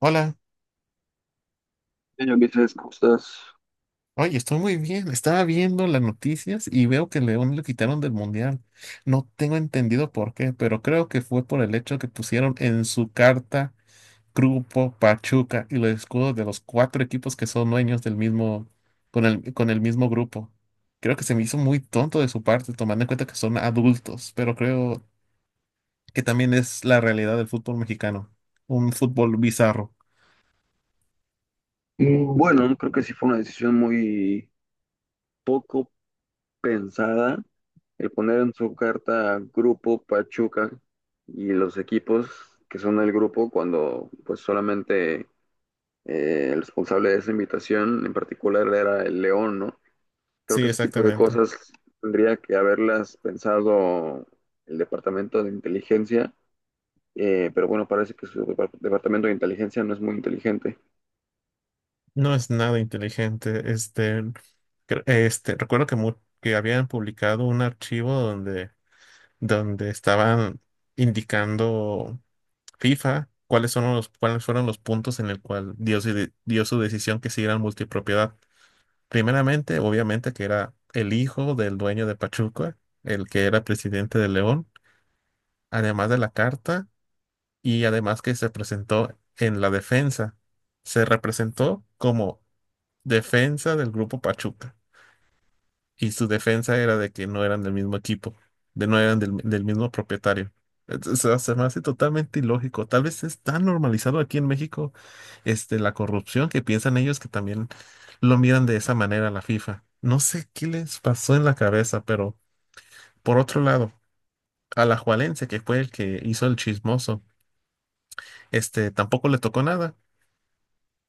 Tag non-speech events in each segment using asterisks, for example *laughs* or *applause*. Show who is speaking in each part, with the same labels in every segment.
Speaker 1: Hola,
Speaker 2: Señor Ulises, ¿cómo estás?
Speaker 1: oye, estoy muy bien. Estaba viendo las noticias y veo que León lo quitaron del mundial. No tengo entendido por qué, pero creo que fue por el hecho que pusieron en su carta Grupo Pachuca y los escudos de los cuatro equipos que son dueños del mismo, con el mismo grupo. Creo que se me hizo muy tonto de su parte, tomando en cuenta que son adultos, pero creo que también es la realidad del fútbol mexicano. Un fútbol bizarro.
Speaker 2: Bueno, creo que sí fue una decisión muy poco pensada el poner en su carta Grupo Pachuca y los equipos que son del grupo cuando pues solamente el responsable de esa invitación en particular era el León, ¿no? Creo que
Speaker 1: Sí,
Speaker 2: ese tipo de
Speaker 1: exactamente.
Speaker 2: cosas tendría que haberlas pensado el Departamento de Inteligencia, pero bueno, parece que Departamento de Inteligencia no es muy inteligente.
Speaker 1: No es nada inteligente. Este, recuerdo que habían publicado un archivo donde estaban indicando FIFA cuáles son los, cuáles fueron los puntos en el cual dio su decisión que siguieran multipropiedad. Primeramente, obviamente, que era el hijo del dueño de Pachuca, el que era presidente de León, además de la carta, y además que se presentó en la defensa. Se representó como defensa del grupo Pachuca. Y su defensa era de que no eran del mismo equipo, de no eran del mismo propietario. Entonces, o sea, se me hace totalmente ilógico. Tal vez es tan normalizado aquí en México, este, la corrupción que piensan ellos que también lo miran de esa manera a la FIFA. No sé qué les pasó en la cabeza, pero por otro lado, a la Alajuelense, que fue el que hizo el chismoso, este, tampoco le tocó nada.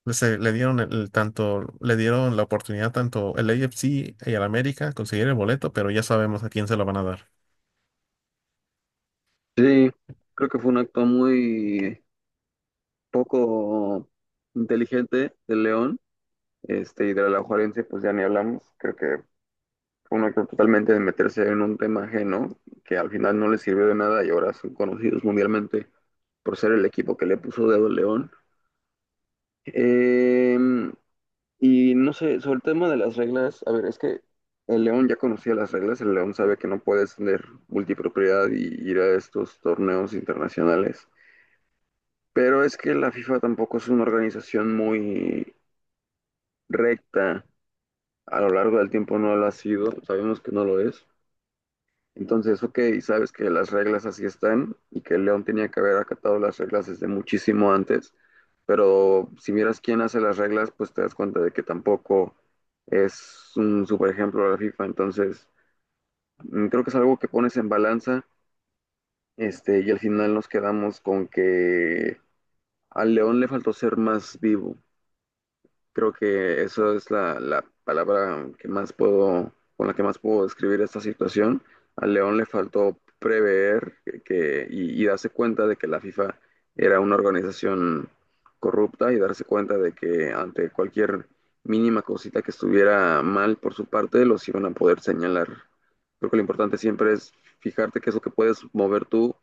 Speaker 1: Le dieron el tanto, le dieron la oportunidad tanto el AFC y al América conseguir el boleto, pero ya sabemos a quién se lo van a dar.
Speaker 2: Sí, creo que fue un acto muy poco inteligente del León, este, y de la Juarense, pues ya ni hablamos. Creo que fue un acto totalmente de meterse en un tema ajeno, que al final no les sirvió de nada y ahora son conocidos mundialmente por ser el equipo que le puso dedo al León. Eh, y no sé, sobre el tema de las reglas, a ver, es que el León ya conocía las reglas, el León sabe que no puedes tener multipropiedad y ir a estos torneos internacionales. Pero es que la FIFA tampoco es una organización muy recta. A lo largo del tiempo no lo ha sido. Sabemos que no lo es. Entonces, ok, sabes que las reglas así están y que León tenía que haber acatado las reglas desde muchísimo antes. Pero si miras quién hace las reglas, pues te das cuenta de que tampoco es un super ejemplo de la FIFA. Entonces, creo que es algo que pones en balanza. Este, y al final nos quedamos con que al León le faltó ser más vivo. Creo que esa es la palabra que más puedo, con la que más puedo describir esta situación. Al León le faltó prever y darse cuenta de que la FIFA era una organización corrupta y darse cuenta de que ante cualquier mínima cosita que estuviera mal por su parte, los iban a poder señalar. Creo que lo importante siempre es fijarte qué es lo que puedes mover tú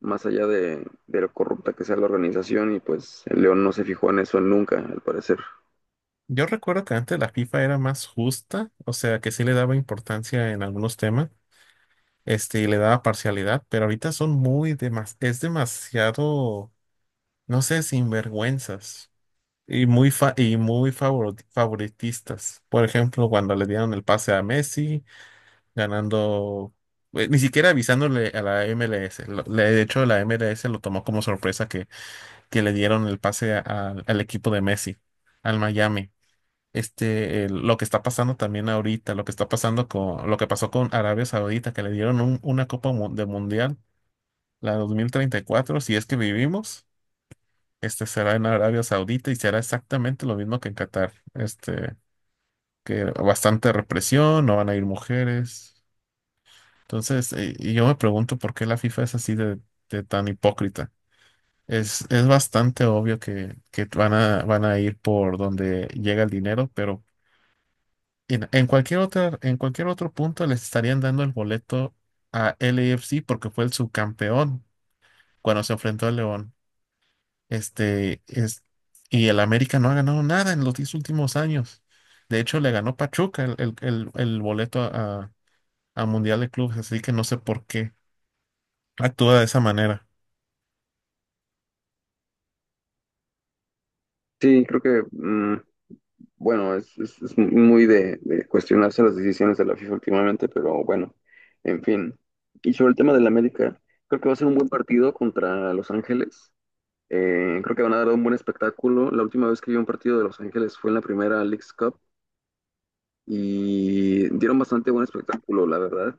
Speaker 2: más allá de lo corrupta que sea la organización y pues el León no se fijó en eso nunca, al parecer.
Speaker 1: Yo recuerdo que antes la FIFA era más justa, o sea, que sí le daba importancia en algunos temas, este, y le daba parcialidad, pero ahorita son muy demas, es demasiado, no sé, sinvergüenzas y muy favoritistas. Por ejemplo, cuando le dieron el pase a Messi ganando, ni siquiera avisándole a la MLS. De hecho, la MLS lo tomó como sorpresa que le dieron el pase al equipo de Messi, al Miami. Este, lo que está pasando también ahorita, lo que está pasando con, lo que pasó con Arabia Saudita, que le dieron un- una Copa de Mundial, la 2034 si es que vivimos, este será en Arabia Saudita y será exactamente lo mismo que en Qatar. Este, que bastante represión, no van a ir mujeres. Entonces, y yo me pregunto por qué la FIFA es así de tan hipócrita. Es bastante obvio que van a ir por donde llega el dinero, pero en cualquier otra, en cualquier otro punto les estarían dando el boleto a LAFC porque fue el subcampeón cuando se enfrentó al León. Este, es, y el América no ha ganado nada en los 10 últimos años. De hecho, le ganó Pachuca el boleto a Mundial de Clubes, así que no sé por qué actúa de esa manera.
Speaker 2: Sí, creo que, bueno, es muy de cuestionarse las decisiones de la FIFA últimamente, pero bueno, en fin. Y sobre el tema del América, creo que va a ser un buen partido contra Los Ángeles. Creo que van a dar un buen espectáculo. La última vez que vi un partido de Los Ángeles fue en la primera Leagues Cup y dieron bastante buen espectáculo, la verdad.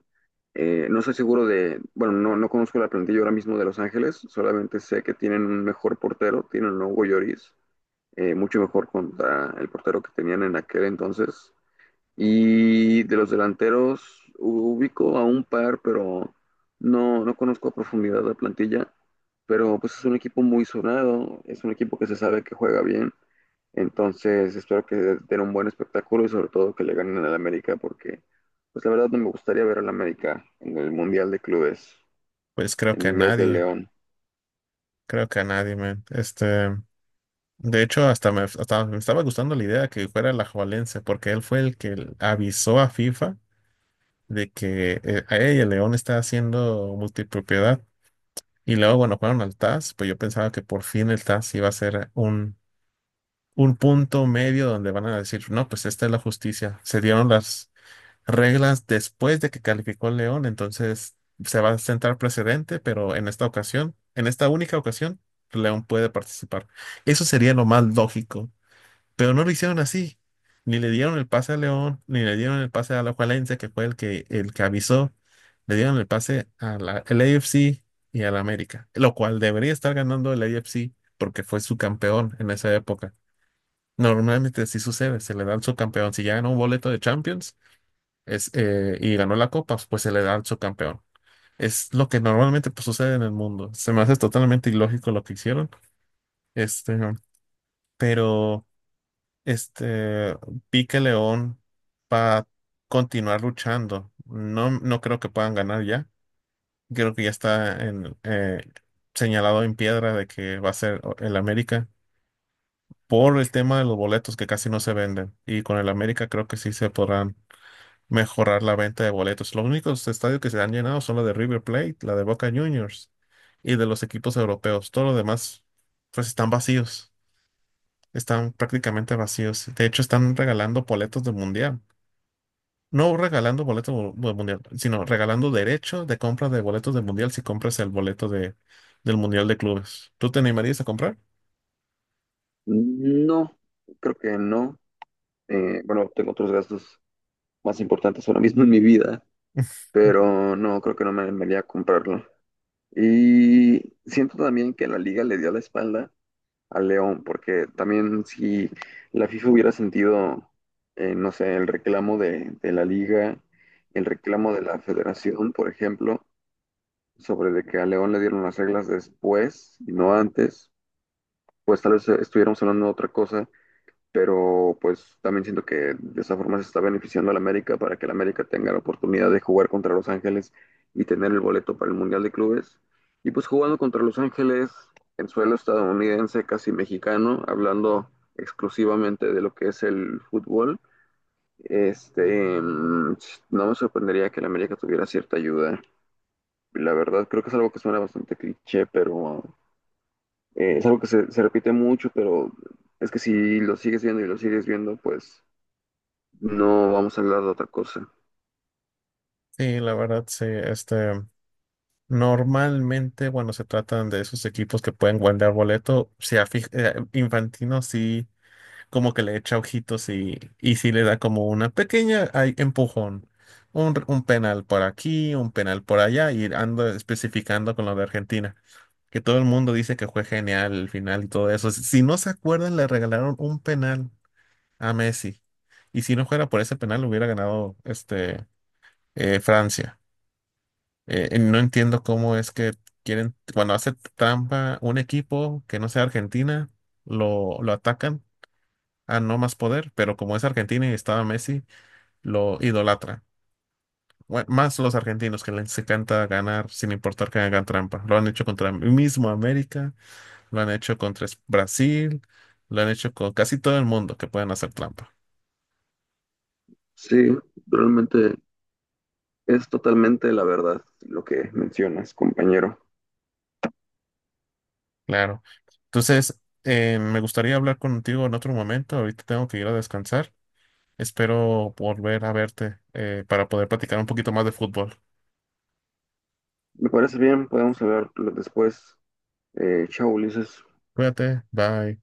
Speaker 2: No estoy seguro de, bueno, no, no conozco la plantilla ahora mismo de Los Ángeles, solamente sé que tienen un mejor portero, tienen a Hugo Lloris mucho mejor contra el portero que tenían en aquel entonces. Y de los delanteros ubico a un par, pero no, no conozco a profundidad la plantilla. Pero pues es un equipo muy sonado, es un equipo que se sabe que juega bien. Entonces espero que den un buen espectáculo y sobre todo que le ganen al América porque pues la verdad no me gustaría ver al América en el Mundial de Clubes
Speaker 1: Pues creo
Speaker 2: en
Speaker 1: que a
Speaker 2: vez de
Speaker 1: nadie,
Speaker 2: León.
Speaker 1: creo que a nadie, man. Este, de hecho, hasta me estaba gustando la idea que fuera la Alajuelense, porque él fue el que avisó a FIFA de que "Ey, el León está haciendo multipropiedad". Y luego, bueno, fueron al TAS, pues yo pensaba que por fin el TAS iba a ser un punto medio donde van a decir, no, pues esta es la justicia. Se dieron las, reglas después de que calificó el León, entonces se va a sentar precedente, pero en esta ocasión, en esta única ocasión, León puede participar. Eso sería lo más lógico, pero no lo hicieron así. Ni le dieron el pase a León, ni le dieron el pase a la Alajuelense, que fue el que avisó. Le dieron el pase a la, al AFC y al América, lo cual debería estar ganando el AFC porque fue su campeón en esa época. Normalmente sí sucede, se le da al subcampeón. Si ya ganó un boleto de Champions, y ganó la copa, pues se le da al subcampeón. Es lo que normalmente pues, sucede en el mundo. Se me hace totalmente ilógico lo que hicieron. Este, pero este, vi que León va a continuar luchando. No, no creo que puedan ganar ya. Creo que ya está en, señalado en piedra de que va a ser el América por el tema de los boletos que casi no se venden. Y con el América creo que sí se podrán mejorar la venta de boletos. Los únicos estadios que se han llenado son la de River Plate, la de Boca Juniors y de los equipos europeos. Todo lo demás, pues están vacíos, están prácticamente vacíos. De hecho, están regalando boletos del Mundial. No regalando boletos del Mundial, sino regalando derechos de compra de boletos del Mundial si compras el boleto de, del Mundial de Clubes. ¿Tú te animarías a comprar?
Speaker 2: No, creo que no. Bueno, tengo otros gastos más importantes ahora mismo en mi vida,
Speaker 1: *laughs*
Speaker 2: pero no, creo que no me animaría a comprarlo. Y siento también que la liga le dio la espalda al León, porque también si la FIFA hubiera sentido, no sé, el reclamo de la liga, el reclamo de la federación, por ejemplo, sobre de que a León le dieron las reglas después y no antes, pues tal vez estuviéramos hablando de otra cosa pero pues también siento que de esa forma se está beneficiando a la América para que la América tenga la oportunidad de jugar contra Los Ángeles y tener el boleto para el Mundial de Clubes. Y pues jugando contra Los Ángeles en suelo estadounidense, casi mexicano, hablando exclusivamente de lo que es el fútbol, este, mm, no me sorprendería que la América tuviera cierta ayuda. La verdad, creo que es algo que suena bastante cliché, pero es algo que se repite mucho, pero es que si lo sigues viendo y lo sigues viendo, pues no vamos a hablar de otra cosa.
Speaker 1: Sí, la verdad, sí. Normalmente, bueno, se tratan de esos equipos que pueden guardar boleto. Infantino sí, como que le echa ojitos y sí le da como una pequeña empujón. Un penal por aquí, un penal por allá, y ando especificando con lo de Argentina. Que todo el mundo dice que fue genial el final y todo eso. Si no se acuerdan, le regalaron un penal a Messi. Y si no fuera por ese penal, hubiera ganado Francia. No entiendo cómo es que quieren, cuando hace trampa un equipo que no sea Argentina, lo atacan a no más poder, pero como es Argentina y estaba Messi, lo idolatra. Más los argentinos que les encanta ganar sin importar que hagan trampa. Lo han hecho contra el mismo América, lo han hecho contra Brasil, lo han hecho con casi todo el mundo que pueden hacer trampa.
Speaker 2: Sí, realmente es totalmente la verdad lo que mencionas, compañero.
Speaker 1: Claro. Entonces, me gustaría hablar contigo en otro momento. Ahorita tengo que ir a descansar. Espero volver a verte, para poder platicar un poquito más de fútbol.
Speaker 2: Me parece bien, podemos hablar después. Chao, Ulises.
Speaker 1: Cuídate, bye.